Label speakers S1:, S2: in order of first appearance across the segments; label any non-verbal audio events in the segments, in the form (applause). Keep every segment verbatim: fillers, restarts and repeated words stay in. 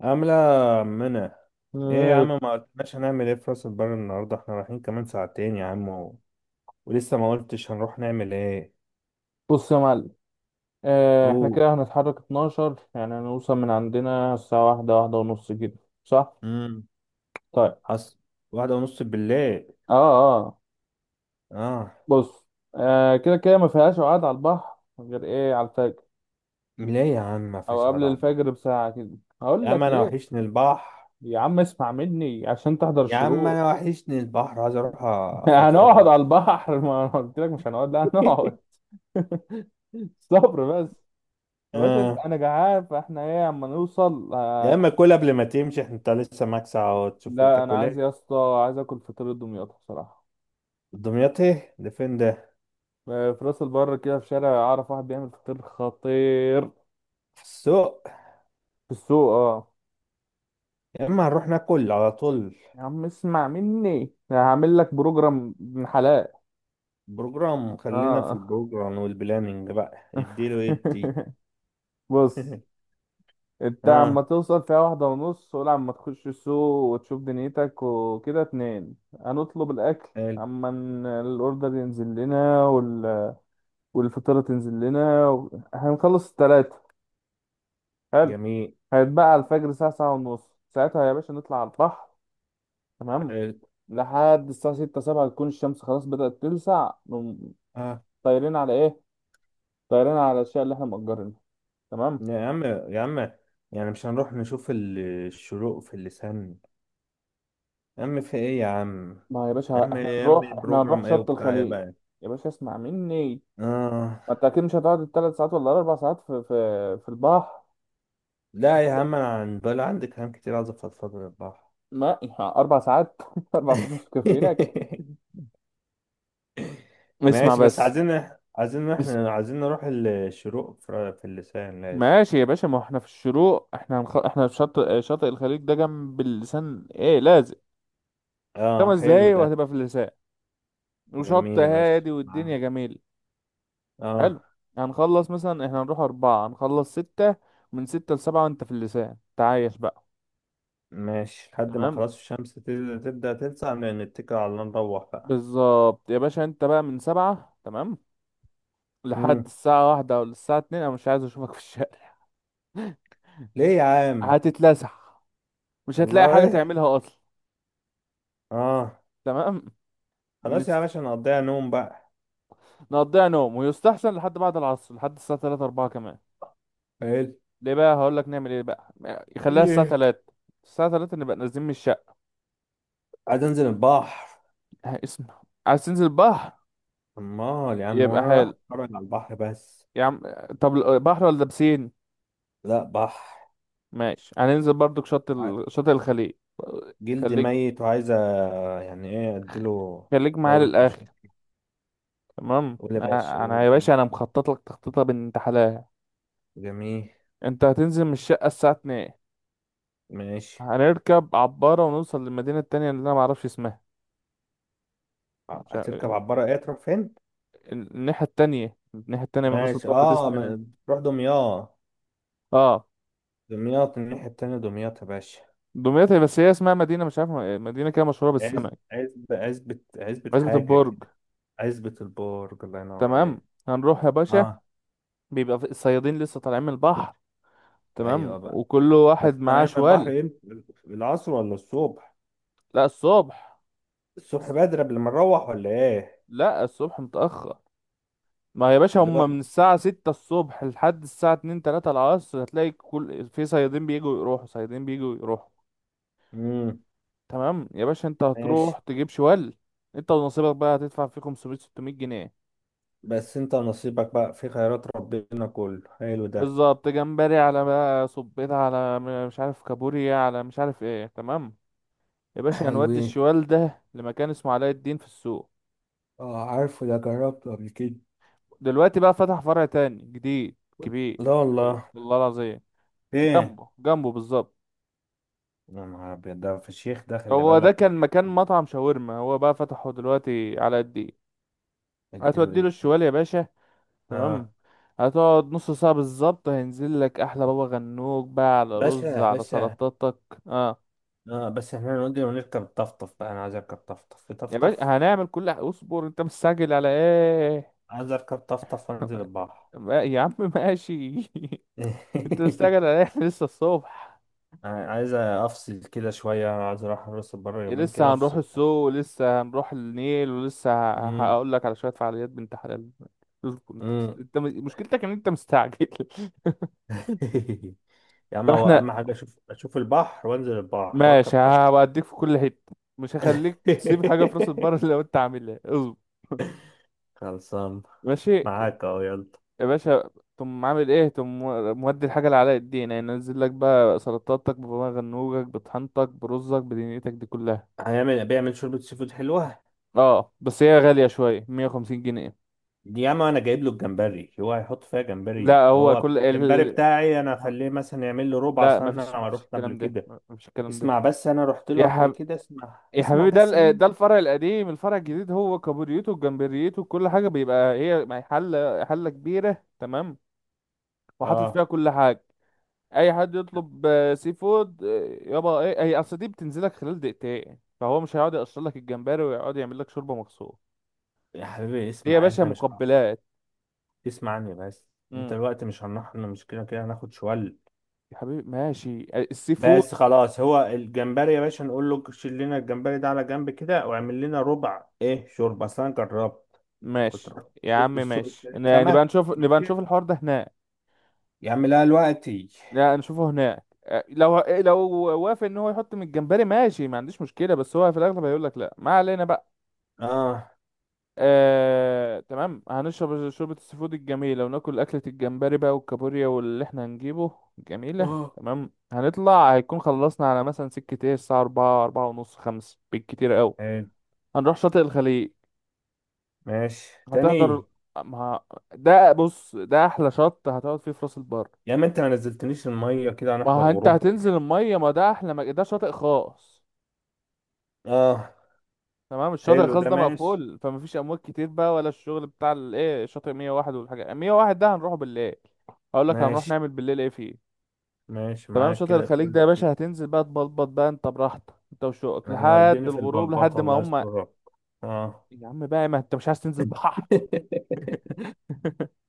S1: عاملة منى. ايه يا عم،
S2: آه،
S1: ما قلتناش هنعمل ايه في راس البر النهاردة؟ احنا رايحين كمان ساعتين يا عم و... ولسه ما قلتش هنروح نعمل ايه.
S2: بص يا معلم. آه، احنا
S1: اوه.
S2: كده هنتحرك اتناشر، يعني هنوصل من عندنا الساعة واحدة واحدة ونص كده، صح؟
S1: امم.
S2: طيب.
S1: حصل. واحدة ونص بالليل.
S2: اه اه
S1: اه.
S2: بص. آه، كده كده ما فيهاش قعد على البحر غير ايه على الفجر
S1: ليه يا عم ما
S2: او
S1: فيهاش
S2: قبل
S1: قعدة على البحر؟
S2: الفجر بساعة كده.
S1: يا
S2: هقول
S1: عم
S2: لك
S1: انا
S2: ليه،
S1: وحشني البحر.
S2: يا عم اسمع مني عشان تحضر
S1: يا عم
S2: الشروق.
S1: انا وحشني البحر، عايز اروح
S2: (laughs)
S1: افضفض
S2: هنقعد
S1: مع.
S2: على البحر (laughs) ما انا قلت لك مش هنقعد، لا
S1: (laughs)
S2: هنقعد. (laughs) صبر بس. بس انت
S1: اه.
S2: انا جعان، فاحنا ايه اما نوصل.
S1: يا اما كل قبل ما تمشي، احنا انت لسه معاك ساعة وتشوف
S2: لا انا
S1: تاكل
S2: عايز
S1: ايه.
S2: يا اسطى، عايز اكل فطير دمياط بصراحه.
S1: دمياط؟ ايه ده؟ فين ده؟
S2: آه، في راس البر كده في شارع اعرف واحد بيعمل فطير خطير.
S1: في السوق؟
S2: في السوق، اه.
S1: يا اما هنروح ناكل على طول.
S2: يا عم اسمع مني، أنا هعمل لك بروجرام ابن حلال.
S1: بروجرام؟ خلينا في
S2: اه
S1: البروجرام والبلاننج بقى، اديله ادي.
S2: (laughs) بص،
S1: (laughs)
S2: انت عما
S1: اه،
S2: توصل فيها واحدة ونص ولا عما تخش السوق وتشوف دنيتك، وكده اتنين هنطلب الأكل.
S1: حلو.
S2: عما ن- الأوردر ينزل لنا وال... والفطيرة تنزل لنا و... هنخلص التلاتة. حلو.
S1: جميل.
S2: هيتبقى على الفجر الساعة ساعة ونص، ساعتها يا باشا نطلع على البحر. تمام.
S1: حلو.
S2: لحد الساعة ستة سبعة تكون الشمس خلاص بدأت تلسع نقوم.
S1: اه.
S2: طايرين على إيه؟ طايرين على الأشياء اللي إحنا مأجرينها. تمام؟
S1: يا عم، يا عم، يعني مش هنروح نشوف ال- الشروق في اللسان؟ يا عم في ايه يا عم؟
S2: ما يا
S1: يا
S2: باشا
S1: عم،
S2: إحنا
S1: يا عم،
S2: هنروح إحنا هنروح
S1: البروجرام ايه
S2: شط
S1: وبتاع ايه
S2: الخليج.
S1: بقى؟
S2: يا باشا اسمع مني،
S1: اه.
S2: ما أنت أكيد مش هتقعد التلات ساعات ولا الأربع ساعات في في في البحر.
S1: لا يا عم، انا عن بال عندي كلام كتير، عايز افضفض للراحة.
S2: ما أربع ساعات (laughs) أربع ساعات مش كافيينك؟
S1: (laughs)
S2: اسمع
S1: ماشي، بس
S2: بس.
S1: عايزين، عايزين، احنا عايزين نروح الشروق في في اللسان، لازم.
S2: ماشي يا باشا، ما احنا في الشروق، احنا هنخ... احنا في شاطئ شاطئ الخليج، ده جنب اللسان ايه، لازق.
S1: اه،
S2: خمس
S1: حلو
S2: دقايق
S1: ده.
S2: وهتبقى في اللسان، وشط
S1: جميل يا باشا،
S2: هادي
S1: معاك.
S2: والدنيا جميل.
S1: اه.
S2: حلو. هنخلص مثلا، احنا هنروح أربعة هنخلص ستة. من ستة لسبعة وانت في اللسان تعايش بقى.
S1: ماشي لحد ما
S2: تمام.
S1: خلاص الشمس تل- تبدأ تلسع نتكل على الله نروح بقى.
S2: بالظبط يا باشا، انت بقى من سبعة، تمام، لحد
S1: مم.
S2: الساعة واحدة أو الساعة اتنين أنا مش عايز أشوفك في الشارع. (laughs)
S1: ليه يا عم؟
S2: هتتلسع، مش هتلاقي حاجة
S1: والله.
S2: تعملها أصلا.
S1: اه.
S2: تمام. من
S1: خلاص يا باشا، نقضيها نوم بقى.
S2: نقضيها نوم، ويستحسن لحد بعد العصر، لحد الساعة تلاتة اربعة كمان.
S1: حلو.
S2: ليه بقى، هقول لك نعمل ايه بقى. يخليها الساعة
S1: ايه؟
S2: تلاتة، الساعة تلاتة نبقى نازلين من الشقة.
S1: عايز انزل البحر.
S2: (laughs) ها، اسمع. عايز تنزل بحر؟
S1: امال يا عم،
S2: يبقى
S1: وانا رايح
S2: حلو
S1: اتفرج على البحر بس؟
S2: يا عم. طب ال- بحر ولا بسين؟
S1: لا، بحر.
S2: ماشي، هننزل برضك شط
S1: ع-
S2: ال... شاطئ الخليج.
S1: جلدي
S2: خليك
S1: ميت وعايز أ- يعني ايه اديله؟
S2: خليك معايا
S1: دورة
S2: للآخر.
S1: مشروع.
S2: تمام.
S1: قول يا باشا،
S2: انا أنا
S1: قول
S2: يا
S1: قول.
S2: باشا، انا مخطط لك تخطيطه بنت حلال.
S1: جميل.
S2: انت هتنزل من الشقة الساعة اتنين،
S1: ماشي.
S2: هنركب عبارة ونوصل للمدينة التانية اللي انا معرفش اسمها.
S1: ع-
S2: مش
S1: هتركب
S2: عارف-
S1: عبارة ايه تروح فين؟
S2: الناحية التانية، الناحية التانية من راس
S1: ماشي
S2: البر دي
S1: اه.
S2: اسمها،
S1: ما- تروح دمياط؟
S2: اه،
S1: دمياط، الناحية التانية دمياط يا باشا.
S2: دمياط، بس هي اسمها مدينة مش عارف، مدينة كده مشهورة
S1: عز،
S2: بالسمك.
S1: عزبة عزبة عزبة
S2: عزبة
S1: حاجة
S2: البرج.
S1: كده. عزبة البرج، الله ينور عليك.
S2: تمام. هنروح يا باشا،
S1: اه.
S2: بيبقى في الصيادين لسه طالعين من البحر. تمام،
S1: ايوه بقى.
S2: وكل
S1: بس
S2: واحد معاه
S1: طالعين من
S2: شوال.
S1: البحر امتى، العصر ولا الصبح؟
S2: لا الصبح.
S1: الصبح بدري قبل ما نروح ولا ايه؟
S2: لا الصبح متأخر. ما يا باشا،
S1: اللي هو
S2: هما من
S1: ايه؟
S2: الساعة ستة الصبح لحد الساعة اتنين تلاتة العصر هتلاقي كل في صيادين بيجوا يروحوا صيادين بيجوا يروحوا.
S1: امم.
S2: تمام يا باشا، انت
S1: ماشي.
S2: هتروح تجيب شوال. انت ونصيبك بقى هتدفع فيه خمسمية ستمية جنيه.
S1: بس انت نصيبك بقى في خيرات ربنا كله حلو ده.
S2: بالظبط، جمبري على بقى، صبيطة على م- مش عارف، كابوريا على مش عارف ايه، تمام. يا باشا
S1: حلو
S2: هنودي
S1: ايه.
S2: الشوال ده لمكان اسمه علاء الدين في السوق.
S1: اه، عارفه ده، جربته قبل كده.
S2: دلوقتي بقى فتح فرع تاني جديد كبير،
S1: لا
S2: حلو
S1: والله.
S2: والله العظيم.
S1: ايه.
S2: جنبه جنبه بالظبط.
S1: يا نهار ابيض، ده فشيخ ده، خلي
S2: هو ده
S1: بالك
S2: كان مكان
S1: بيحب-
S2: مطعم شاورما، هو بقى فتحه دلوقتي علاء الدين.
S1: اديله
S2: هتودي له
S1: ادي.
S2: الشوال يا باشا.
S1: اه.
S2: تمام. هتقعد نص ساعة بالظبط هينزل لك أحلى بابا غنوج بقى، على
S1: باشا،
S2: رز،
S1: يا
S2: على
S1: باشا.
S2: سلطاتك. اه
S1: اه، بس احنا نقول ونركب طفطف بقى، انا عايز اركب طفطف، في
S2: يا باشا،
S1: طفطف.
S2: هنعمل كل ح- اصبر، انت مستعجل على ايه؟
S1: عايز اركب طفطف وانزل
S2: (laughs)
S1: البحر.
S2: ما- يا عم ماشي. (laughs) انت مستعجل
S1: (laughs)
S2: على ايه؟ إحنا لسه الصبح.
S1: عايز افصل كده شويه، عايز اروح راس البر يومين كده
S2: لسه هنروح
S1: افصل.
S2: السوق ولسه هنروح النيل ولسه ه-
S1: امم.
S2: هقول لك على شوية فعاليات بنت حلال. اصبر انت.
S1: امم.
S2: انت م- مشكلتك ان انت مستعجل. (laughs)
S1: (laughs) يا عم، هو
S2: فاحنا
S1: اهم حاجه اشوف، اشوف البحر وانزل البحر واركب
S2: ماشي،
S1: طفطف.
S2: هوديك في كل حتة، مش هخليك تسيب حاجة في راس البر (laughs)
S1: (laughs)
S2: لو انت عاملها، اصبر.
S1: خلصان،
S2: ماشي
S1: معاك اهو، يلا.
S2: يا باشا، تقوم عامل ايه؟ تقوم مودي الحاجة اللي على الدين، يعني ينزل لك بقى سلطاتك بغنوجك بطحنتك برزك بدنيتك دي كلها.
S1: هيعمل، بيعمل شوربه سي فود حلوه.
S2: اه بس هي غالية شوية، مية وخمسين جنيه.
S1: يا عم انا جايب له الجمبري، هو هيحط فيها
S2: لا
S1: جمبري؟
S2: هو
S1: هو
S2: كل
S1: الجمبري
S2: ال...
S1: بتاعي انا اخليه مثلا يعمل له ربع،
S2: لا
S1: اصلا
S2: مفيش
S1: انا
S2: مفيش
S1: رحت قبل
S2: الكلام ده،
S1: كده.
S2: مفيش الكلام ده.
S1: اسمع بس، انا رحت له
S2: يا
S1: قبل
S2: حب...
S1: كده، اسمع،
S2: يا
S1: اسمع
S2: حبيبي، ده
S1: بس
S2: ال- ده
S1: مين.
S2: الفرع القديم، الفرع الجديد هو كابوريته وجمبريته كل حاجة بيبقى هي مع حلة حلة كبيرة، تمام، وحاطط فيها
S1: اه،
S2: كل حاجة. اي حد يطلب آه، سي فود، آه، يابا ايه، هي اصل دي بتنزلك خلال دقيقتين، فهو مش هيقعد يقشر لك الجمبري ويقعد يعمل لك شوربه مخصوص.
S1: يا حبيبي
S2: دي يا
S1: اسمع،
S2: باشا
S1: احنا مش.
S2: مقبلات.
S1: اسمع عني بس. انت
S2: امم.
S1: الوقت مش هنروح، إحنا مش كده كده هناخد شوال؟
S2: يا حبيبي ماشي، آه، السي فود.
S1: بس خلاص، هو الجمبري يا باشا نقول له شيل لنا الجمبري ده على جنب كده، واعمل لنا ربع ايه شوربه، اصل انا جربت، كنت
S2: ماشي
S1: رحت.
S2: يا عم،
S1: جبت السوق،
S2: ماشي،
S1: اشتريت
S2: ن- نبقى
S1: سمك.
S2: نشوف نبقى
S1: ماشي،
S2: نشوف الحوار ده هناك.
S1: يا عم، لا دلوقتي.
S2: لا نشوفه هناك. آه، لو لو وافق ان هو يحط من الجمبري، ماشي، ما عنديش مشكله، بس هو في الاغلب هيقول لك لا. ما علينا بقى.
S1: اه.
S2: آه، تمام، هنشرب شوربة السي فود الجميلة وناكل أكلة الجمبري بقى والكابوريا واللي احنا هنجيبه، جميلة.
S1: اه،
S2: تمام، هنطلع، هيكون خلصنا على مثلا سكة ايه الساعة أربعة أربعة ونص خمس بالكتير أوي.
S1: حلو.
S2: هنروح شاطئ الخليج.
S1: ماشي
S2: هتحضر.
S1: تاني.
S2: ما ده بص، ده أحلى شط هتقعد فيه في راس البر.
S1: يا ما انت ما نزلتنيش الميه كده،
S2: ما
S1: هنحضر
S2: ه- انت
S1: غروب
S2: هتنزل
S1: ايه؟
S2: المية، ما ده أحلى، ما ده شاطئ خاص.
S1: اه،
S2: تمام. الشاطئ
S1: حلو
S2: الخاص
S1: ده.
S2: ده
S1: ماشي.
S2: مقفول، فمفيش امواج كتير بقى، ولا الشغل بتاع الايه شاطئ مية وواحد والحاجه، مية وواحد ده هنروحه بالليل. هقول لك هنروح
S1: ماشي.
S2: نعمل بالليل ايه فيه.
S1: ماشي
S2: تمام.
S1: معاك
S2: شاطئ
S1: كده،
S2: الخليج ده
S1: كل
S2: يا
S1: كده.
S2: باشا هتنزل بقى تبلبط بقى انت براحتك، انت وشوقك،
S1: ايوه،
S2: لحد
S1: اديني في
S2: الغروب، لحد
S1: البلبطه،
S2: ما
S1: الله
S2: هم.
S1: يسترك. اه.
S2: يا عم بقى، ما انت مش عايز تنزل بحر؟
S1: (laughs)
S2: (laughs)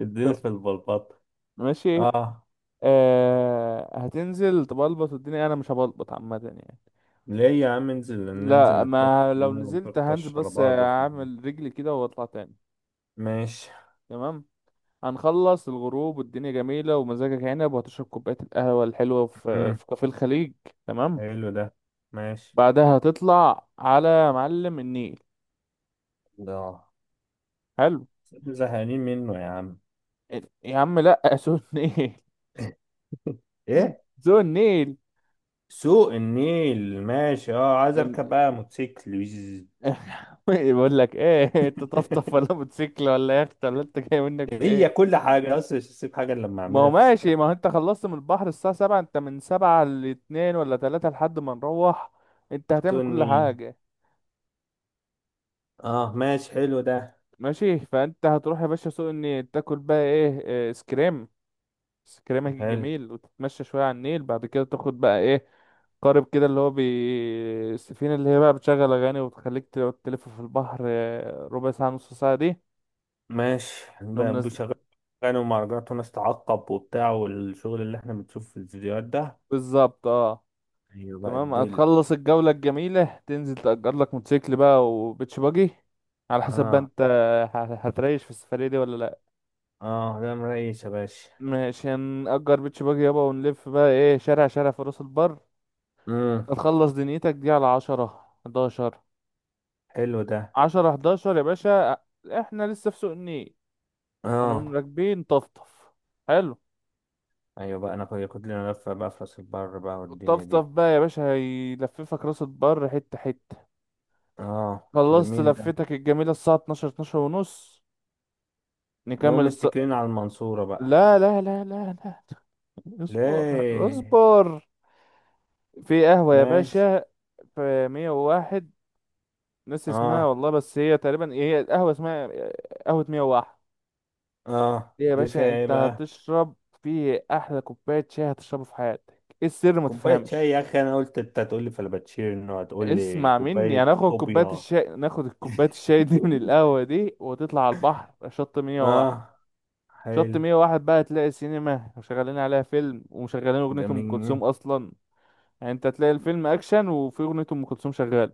S1: اديني
S2: طب
S1: في البلبطه.
S2: ماشي.
S1: اه.
S2: آه هتنزل تبلبط الدنيا، انا مش هبلبط عامه يعني.
S1: ليه يا عم، انزل، ننزل
S2: لا
S1: نتبطل
S2: ما
S1: في
S2: لو
S1: الميه
S2: نزلت هنزل
S1: ونطرطش على
S2: بس
S1: بعض في الميه.
S2: اعمل رجلي كده واطلع تاني.
S1: ماشي.
S2: تمام. هنخلص الغروب والدنيا جميلة ومزاجك عنب، وهتشرب كوباية القهوة الحلوة في
S1: مم.
S2: في كافيه الخليج. تمام.
S1: حلو ده. ماشي.
S2: بعدها هتطلع على معلم النيل.
S1: لا.
S2: حلو.
S1: زهقانين منه يا عم.
S2: يا عم لا، سو النيل.
S1: (laughs) ايه.
S2: (laughs) سو النيل.
S1: سوق النيل، ماشي، اه، عايز اركب
S2: (laughs)
S1: بقى موتوسيكل ويز.
S2: بقول لك ايه، انت طفطف ولا
S1: (laughs)
S2: موتوسيكل ولا يخت؟ ولا انت جاي منك في
S1: هي
S2: ايه؟
S1: كل حاجة اصلا، مش هسيب حاجة إلا لما
S2: ما هو
S1: اعملها في
S2: ماشي، ما
S1: السفرية.
S2: هو انت خلصت من البحر الساعة سبعة، انت من سبعة لاتنين ولا تلاتة لحد ما نروح، انت هتعمل
S1: سوق
S2: كل
S1: النيل.
S2: حاجة.
S1: اه، ماشي، حلو ده.
S2: ماشي، فانت هتروح يا باشا سوق النيل، تاكل بقى ايه، آه، اسكريم، اسكريمك
S1: حلو.
S2: الجميل، وتتمشى شوية على النيل، بعد كده تاخد بقى ايه، قارب كده اللي هو بي السفينة، اللي هي بقى بتشغل أغاني وتخليك تقعد تلف في البحر آه، ربع ساعة نص ساعة دي.
S1: ماشي.
S2: نقوم
S1: ب-
S2: نازل.
S1: بشغل كانوا، مهرجانات وناس تعقب وبتاع، والشغل اللي احنا بنشوفه في الفيديوهات ده.
S2: بالظبط. اه
S1: ايوه بقى
S2: تمام،
S1: الدل.
S2: هتخلص الجولة الجميلة، تنزل تأجر لك موتوسيكل بقى، وبيتش باجي على حسب بقى
S1: اه.
S2: انت ه- هتريش في السفرية دي ولا لأ.
S1: اه، ده مريش يا باشا.
S2: ماشي، هنأجر بيتش باجي يابا ونلف بقى ايه شارع شارع في راس البر.
S1: امم.
S2: هتخلص دنيتك دي على عشرة حداشر.
S1: حلو ده.
S2: عشرة حداشر يا باشا، احنا لسه في سوق النيل. هنقوم
S1: اه.
S2: راكبين طفطف. حلو.
S1: ايوه بقى، انا كنت، كنت لنا لفة بقى في راس البر بقى والدنيا
S2: الطفطف
S1: دي.
S2: بقى يا باشا هيلففك راس البر حتة حتة.
S1: اه،
S2: خلصت
S1: جميل ده.
S2: لفتك الجميلة الساعة اتناشر اتناشر ونص، نكمل
S1: نقوم
S2: الص...
S1: متكلين على المنصورة بقى.
S2: لا لا لا لا لا. (laughs) اصبر
S1: ليه؟
S2: اصبر. في قهوة يا
S1: ماشي.
S2: باشا، في مية وواحد، ناس اسمها
S1: اه.
S2: والله، بس هي تقريبا هي القهوة اسمها قهوة مية وواحد.
S1: اه،
S2: ليه يا
S1: دي فيها
S2: باشا،
S1: ايه
S2: انت
S1: بقى؟
S2: هتشرب في احلى كوبايه شاي هتشربه في حياتك. ايه السر؟ ما
S1: كوباية شاي
S2: تفهمش،
S1: يا اخي؟ انا قلت انت هتقول لي فلابتشينو، هتقول لي
S2: اسمع مني،
S1: كوباية
S2: هناخد كوبايه
S1: صوبيا.
S2: الشاي، ناخد الكوبايه الشاي دي من القهوه
S1: (laughs)
S2: دي وتطلع على البحر شط مية وواحد.
S1: اه،
S2: شط
S1: حلو.
S2: مية وواحد بقى تلاقي سينما وشغالين عليها فيلم ومشغلين اغنيه ام كلثوم
S1: جميل.
S2: اصلا. يعني انت تلاقي الفيلم اكشن وفي اغنيه ام كلثوم شغاله.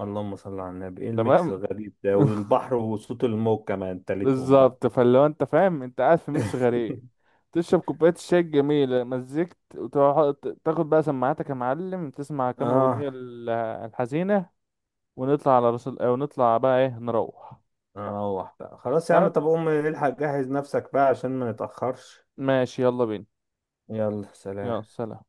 S1: اللهم صل على النبي، ايه
S2: تمام.
S1: الميكس الغريب ده،
S2: (laughs)
S1: والبحر وصوت الموج كمان تالتهم بقى.
S2: بالظبط، فاللي هو انت فاهم انت قاعد في ميكس غريب،
S1: (laughs)
S2: تشرب كوباية الشاي الجميلة مزيكت، وتروح تاخد بقى سماعاتك يا معلم، تسمع كام
S1: اه.
S2: أغنية ال- الحزينة، ونطلع على رسول، ونطلع بقى ايه، نروح.
S1: نروح بقى خلاص يا عم.
S2: ها؟
S1: طب قوم الحق جهز نفسك بقى عشان ما نتأخرش.
S2: ماشي يلا بينا.
S1: يلا
S2: يلا
S1: سلام.
S2: سلام.